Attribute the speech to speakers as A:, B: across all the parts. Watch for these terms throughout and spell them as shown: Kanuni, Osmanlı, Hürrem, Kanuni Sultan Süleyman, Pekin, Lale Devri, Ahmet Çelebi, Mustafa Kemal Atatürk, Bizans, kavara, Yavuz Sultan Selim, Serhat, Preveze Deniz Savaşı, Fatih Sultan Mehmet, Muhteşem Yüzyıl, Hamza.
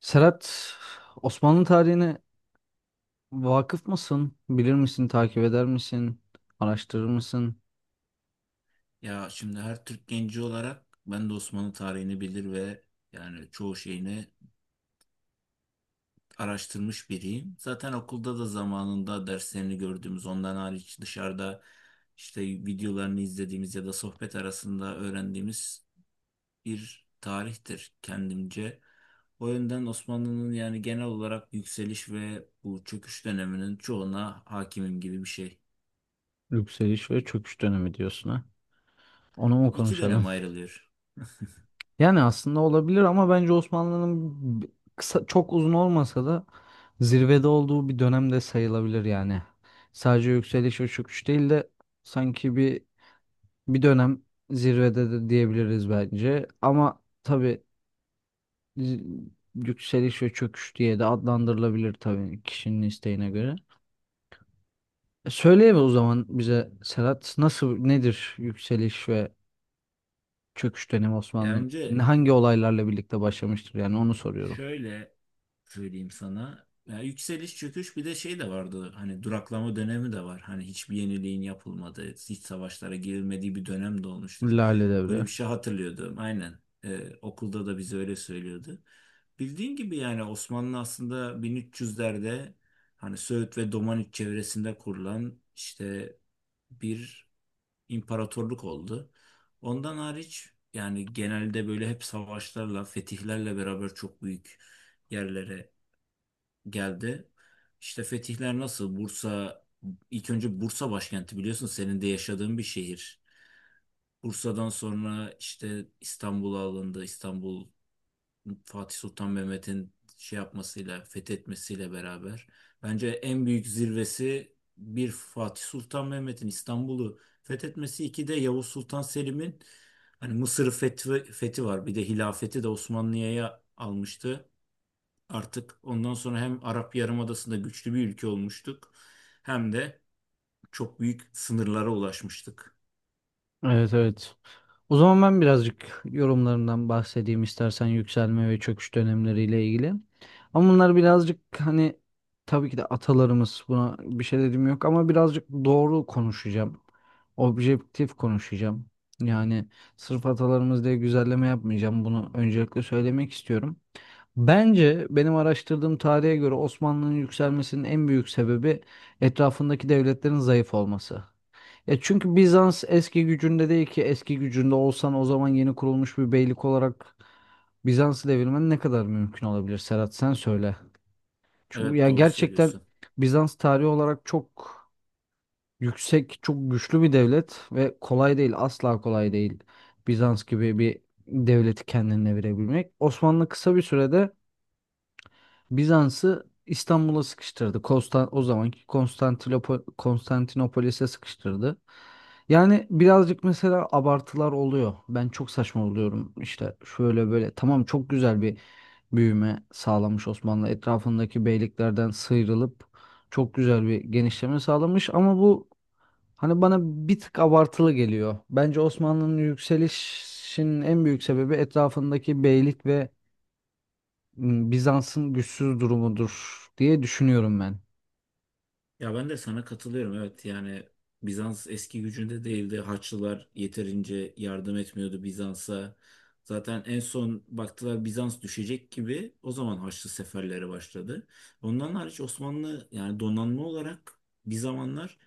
A: Serhat, Osmanlı tarihine vakıf mısın? Bilir misin, takip eder misin? Araştırır mısın?
B: Ya şimdi her Türk genci olarak ben de Osmanlı tarihini bilir ve yani çoğu şeyini araştırmış biriyim. Zaten okulda da zamanında derslerini gördüğümüz ondan hariç dışarıda işte videolarını izlediğimiz ya da sohbet arasında öğrendiğimiz bir tarihtir kendimce. O yönden Osmanlı'nın yani genel olarak yükseliş ve bu çöküş döneminin çoğuna hakimim gibi bir şey.
A: Yükseliş ve çöküş dönemi diyorsun ha. Onu mu
B: İki dönem
A: konuşalım?
B: ayrılıyor.
A: Yani aslında olabilir ama bence Osmanlı'nın b- kısa, çok uzun olmasa da zirvede olduğu bir dönem de sayılabilir yani. Sadece yükseliş ve çöküş değil de sanki bir dönem zirvede de diyebiliriz bence. Ama tabii z- yükseliş ve çöküş diye de adlandırılabilir tabii kişinin isteğine göre. Söyleyeyim o zaman bize Serhat nasıl nedir yükseliş ve çöküş dönemi
B: Ya
A: Osmanlı'nın
B: önce
A: hangi olaylarla birlikte başlamıştır yani onu soruyorum.
B: şöyle söyleyeyim sana. Ya yükseliş çöküş bir de şey de vardı hani duraklama dönemi de var. Hani hiçbir yeniliğin yapılmadığı, hiç savaşlara girilmediği bir dönem de olmuştur.
A: Lale
B: Böyle bir
A: Devri.
B: şey hatırlıyordum aynen. Okulda da bize öyle söylüyordu. Bildiğin gibi yani Osmanlı aslında 1300'lerde hani Söğüt ve Domaniç çevresinde kurulan işte bir imparatorluk oldu. Ondan hariç yani genelde böyle hep savaşlarla, fetihlerle beraber çok büyük yerlere geldi. İşte fetihler nasıl? Bursa ilk önce Bursa başkenti, biliyorsun senin de yaşadığın bir şehir. Bursa'dan sonra işte İstanbul'a alındı. İstanbul Fatih Sultan Mehmet'in şey yapmasıyla, fethetmesiyle beraber. Bence en büyük zirvesi bir Fatih Sultan Mehmet'in İstanbul'u fethetmesi, iki de Yavuz Sultan Selim'in hani Mısır'ı fethi var. Bir de hilafeti de Osmanlı'ya almıştı. Artık ondan sonra hem Arap Yarımadası'nda güçlü bir ülke olmuştuk hem de çok büyük sınırlara ulaşmıştık.
A: Evet, evet. O zaman ben birazcık yorumlarından bahsedeyim istersen yükselme ve çöküş dönemleriyle ilgili. Ama bunlar birazcık hani tabii ki de atalarımız buna bir şey dediğim yok ama birazcık doğru konuşacağım. Objektif konuşacağım. Yani sırf atalarımız diye güzelleme yapmayacağım. Bunu öncelikle söylemek istiyorum. Bence benim araştırdığım tarihe göre Osmanlı'nın yükselmesinin en büyük sebebi etrafındaki devletlerin zayıf olması. Ya çünkü Bizans eski gücünde değil ki eski gücünde olsan o zaman yeni kurulmuş bir beylik olarak Bizans'ı devirmen ne kadar mümkün olabilir Serhat sen söyle. Çünkü
B: Evet,
A: ya
B: doğru
A: gerçekten
B: söylüyorsun.
A: Bizans tarihi olarak çok yüksek, çok güçlü bir devlet ve kolay değil, asla kolay değil Bizans gibi bir devleti kendine verebilmek. Osmanlı kısa bir sürede Bizans'ı İstanbul'a sıkıştırdı. Konstan o zamanki Konstantinopolis'e sıkıştırdı. Yani birazcık mesela abartılar oluyor. Ben çok saçma oluyorum. İşte şöyle böyle. Tamam çok güzel bir büyüme sağlamış Osmanlı. Etrafındaki beyliklerden sıyrılıp çok güzel bir genişleme sağlamış ama bu hani bana bir tık abartılı geliyor. Bence Osmanlı'nın yükselişinin en büyük sebebi etrafındaki beylik ve Bizans'ın güçsüz durumudur diye düşünüyorum ben.
B: Ya ben de sana katılıyorum. Evet, yani Bizans eski gücünde değildi. Haçlılar yeterince yardım etmiyordu Bizans'a. Zaten en son baktılar Bizans düşecek gibi, o zaman Haçlı seferleri başladı. Ondan hariç Osmanlı yani donanma olarak bir zamanlar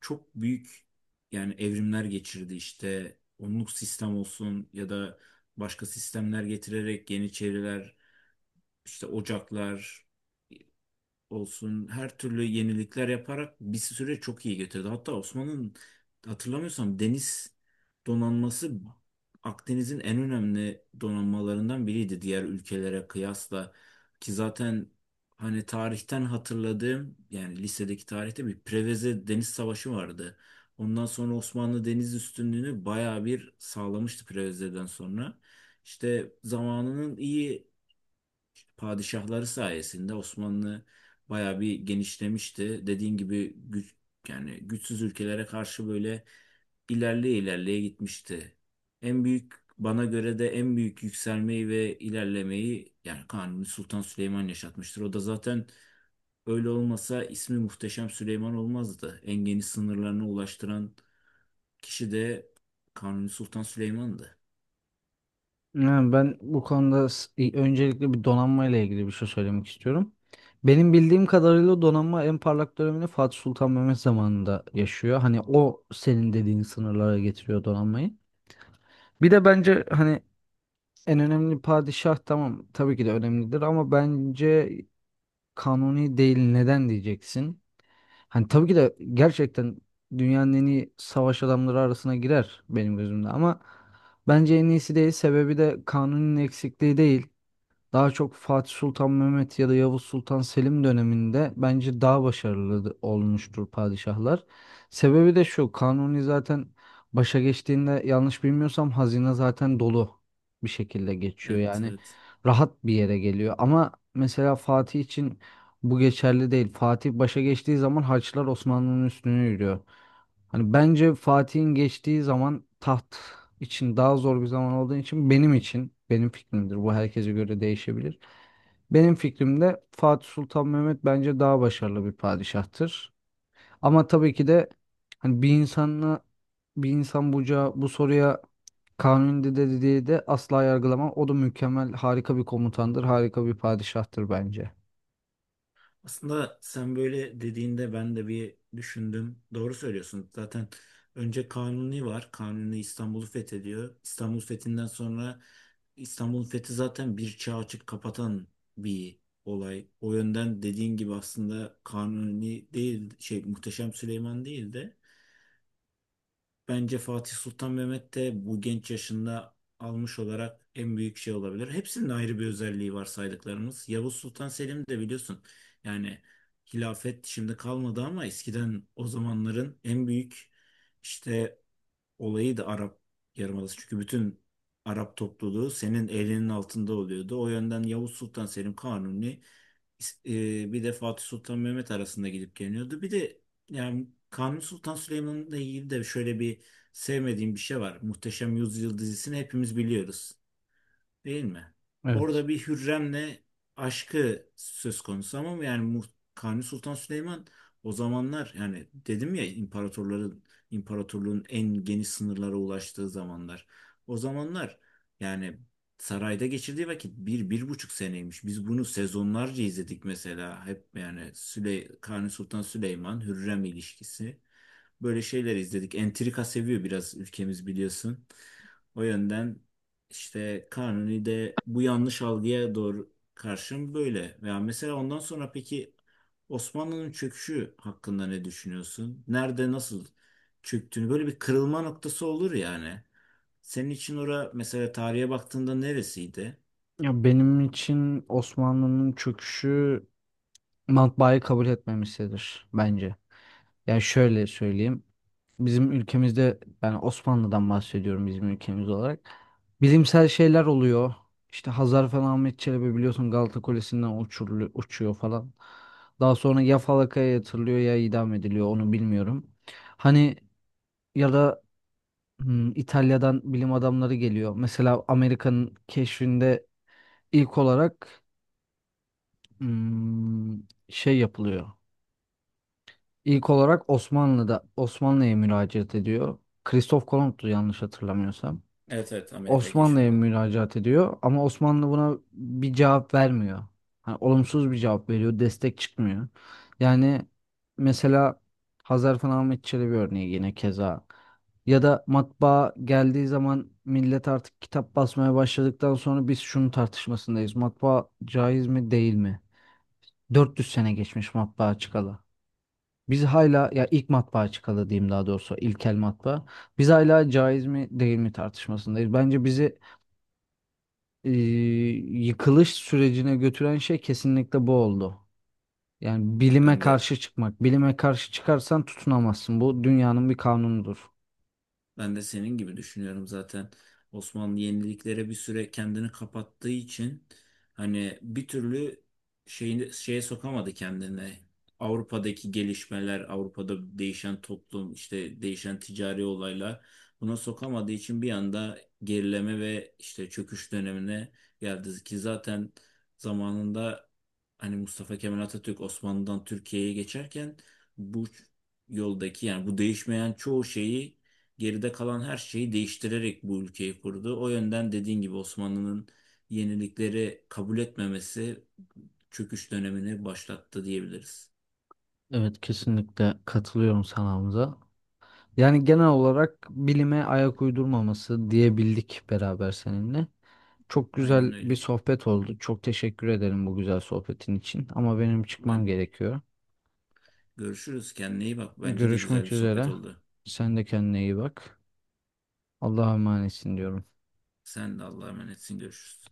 B: çok büyük yani evrimler geçirdi işte. Onluk sistem olsun ya da başka sistemler getirerek Yeniçeriler, işte Ocaklar olsun her türlü yenilikler yaparak bir süre çok iyi götürdü. Hatta Osman'ın hatırlamıyorsam deniz donanması Akdeniz'in en önemli donanmalarından biriydi diğer ülkelere kıyasla ki zaten hani tarihten hatırladığım yani lisedeki tarihte bir Preveze Deniz Savaşı vardı. Ondan sonra Osmanlı deniz üstünlüğünü bayağı bir sağlamıştı Preveze'den sonra. İşte zamanının iyi padişahları sayesinde Osmanlı bayağı bir genişlemişti. Dediğin gibi güç yani güçsüz ülkelere karşı böyle ilerleye ilerleye gitmişti. En büyük bana göre de en büyük yükselmeyi ve ilerlemeyi yani Kanuni Sultan Süleyman yaşatmıştır. O da zaten öyle olmasa ismi Muhteşem Süleyman olmazdı. En geniş sınırlarına ulaştıran kişi de Kanuni Sultan Süleyman'dı.
A: Yani ben bu konuda öncelikle bir donanma ile ilgili bir şey söylemek istiyorum. Benim bildiğim kadarıyla donanma en parlak dönemini Fatih Sultan Mehmet zamanında yaşıyor. Hani o senin dediğin sınırlara getiriyor donanmayı. Bir de bence hani en önemli padişah tamam tabii ki de önemlidir ama bence kanuni değil neden diyeceksin? Hani tabii ki de gerçekten dünyanın en iyi savaş adamları arasına girer benim gözümde ama bence en iyisi değil sebebi de kanunun eksikliği değil. Daha çok Fatih Sultan Mehmet ya da Yavuz Sultan Selim döneminde bence daha başarılı olmuştur padişahlar. Sebebi de şu, Kanuni zaten başa geçtiğinde yanlış bilmiyorsam hazine zaten dolu bir şekilde geçiyor.
B: Evet,
A: Yani
B: evet.
A: rahat bir yere geliyor. Ama mesela Fatih için bu geçerli değil. Fatih başa geçtiği zaman harçlar Osmanlı'nın üstüne yürüyor. Hani bence Fatih'in geçtiği zaman taht için daha zor bir zaman olduğu için benim için benim fikrimdir. Bu herkese göre değişebilir. Benim fikrimde Fatih Sultan Mehmet bence daha başarılı bir padişahtır. Ama tabii ki de hani bir insanla bir insan buca bu soruya Kanuni'de de dediği de asla yargılamam. O da mükemmel, harika bir komutandır, harika bir padişahtır bence.
B: Aslında sen böyle dediğinde ben de bir düşündüm. Doğru söylüyorsun. Zaten önce Kanuni var. Kanuni İstanbul'u fethediyor. İstanbul fethinden sonra İstanbul'un fethi zaten bir çağ açıp kapatan bir olay. O yönden dediğin gibi aslında Kanuni değil şey Muhteşem Süleyman değil de bence Fatih Sultan Mehmet de bu genç yaşında almış olarak en büyük şey olabilir. Hepsinin ayrı bir özelliği var saydıklarımız. Yavuz Sultan Selim de biliyorsun yani hilafet şimdi kalmadı ama eskiden o zamanların en büyük işte olayı da Arap Yarımadası. Çünkü bütün Arap topluluğu senin elinin altında oluyordu. O yönden Yavuz Sultan Selim Kanuni bir de Fatih Sultan Mehmet arasında gidip geliyordu. Bir de yani Kanuni Sultan Süleyman'la ilgili de şöyle bir sevmediğim bir şey var. Muhteşem Yüzyıl dizisini hepimiz biliyoruz. Değil mi?
A: Evet.
B: Orada bir Hürrem'le aşkı söz konusu ama yani Kanuni Sultan Süleyman o zamanlar yani dedim ya imparatorluğun en geniş sınırlara ulaştığı zamanlar. O zamanlar yani sarayda geçirdiği vakit bir, bir buçuk seneymiş. Biz bunu sezonlarca izledik mesela. Hep yani Kanuni Sultan Süleyman, Hürrem ilişkisi. Böyle şeyler izledik. Entrika seviyor biraz ülkemiz, biliyorsun. O yönden işte Kanuni de bu yanlış algıya doğru karşım böyle. Veya mesela ondan sonra peki Osmanlı'nın çöküşü hakkında ne düşünüyorsun? Nerede nasıl çöktüğünü böyle bir kırılma noktası olur yani. Senin için ora mesela tarihe baktığında neresiydi?
A: Ya benim için Osmanlı'nın çöküşü matbaayı kabul etmemiştir bence. Yani şöyle söyleyeyim. Bizim ülkemizde yani Osmanlı'dan bahsediyorum bizim ülkemiz olarak. Bilimsel şeyler oluyor. İşte Hazar falan Ahmet Çelebi biliyorsun Galata Kulesi'nden uçuyor falan. Daha sonra ya falakaya yatırılıyor ya idam ediliyor onu bilmiyorum. Hani ya da İtalya'dan bilim adamları geliyor. Mesela Amerika'nın keşfinde ilk olarak hmm, şey yapılıyor. İlk olarak Osmanlı'da Osmanlı'ya müracaat ediyor. Kristof Kolomb'tu yanlış hatırlamıyorsam.
B: Evet, evet, Amerika'yı
A: Osmanlı'ya
B: keşfedelim.
A: müracaat ediyor ama Osmanlı buna bir cevap vermiyor. Hani olumsuz bir cevap veriyor, destek çıkmıyor. Yani mesela Hazarfın Ahmet Çelebi örneği yine keza. Ya da matbaa geldiği zaman millet artık kitap basmaya başladıktan sonra biz şunun tartışmasındayız. Matbaa caiz mi değil mi? 400 sene geçmiş matbaa çıkalı. Biz hala ya ilk matbaa çıkalı diyeyim daha doğrusu ilkel matbaa. Biz hala caiz mi değil mi tartışmasındayız. Bence bizi e, yıkılış sürecine götüren şey kesinlikle bu oldu. Yani bilime
B: Ben de
A: karşı çıkmak. Bilime karşı çıkarsan tutunamazsın. Bu dünyanın bir kanunudur.
B: Ben de senin gibi düşünüyorum zaten. Osmanlı yeniliklere bir süre kendini kapattığı için hani bir türlü şeyini şeye sokamadı kendini. Avrupa'daki gelişmeler, Avrupa'da değişen toplum, işte değişen ticari olaylar buna sokamadığı için bir anda gerileme ve işte çöküş dönemine geldi ki zaten zamanında hani Mustafa Kemal Atatürk Osmanlı'dan Türkiye'ye geçerken bu yoldaki yani bu değişmeyen çoğu şeyi geride kalan her şeyi değiştirerek bu ülkeyi kurdu. O yönden dediğin gibi Osmanlı'nın yenilikleri kabul etmemesi çöküş dönemini başlattı diyebiliriz.
A: Evet kesinlikle katılıyorum sana Hamza. Yani genel olarak bilime ayak uydurmaması diyebildik beraber seninle. Çok
B: Aynen
A: güzel bir
B: öyle.
A: sohbet oldu. Çok teşekkür ederim bu güzel sohbetin için. Ama benim
B: Ben
A: çıkmam gerekiyor.
B: görüşürüz. Kendine iyi bak. Bence de güzel bir
A: Görüşmek
B: sohbet
A: üzere.
B: oldu.
A: Sen de kendine iyi bak. Allah'a emanetsin diyorum.
B: Sen de Allah'a emanetsin. Görüşürüz.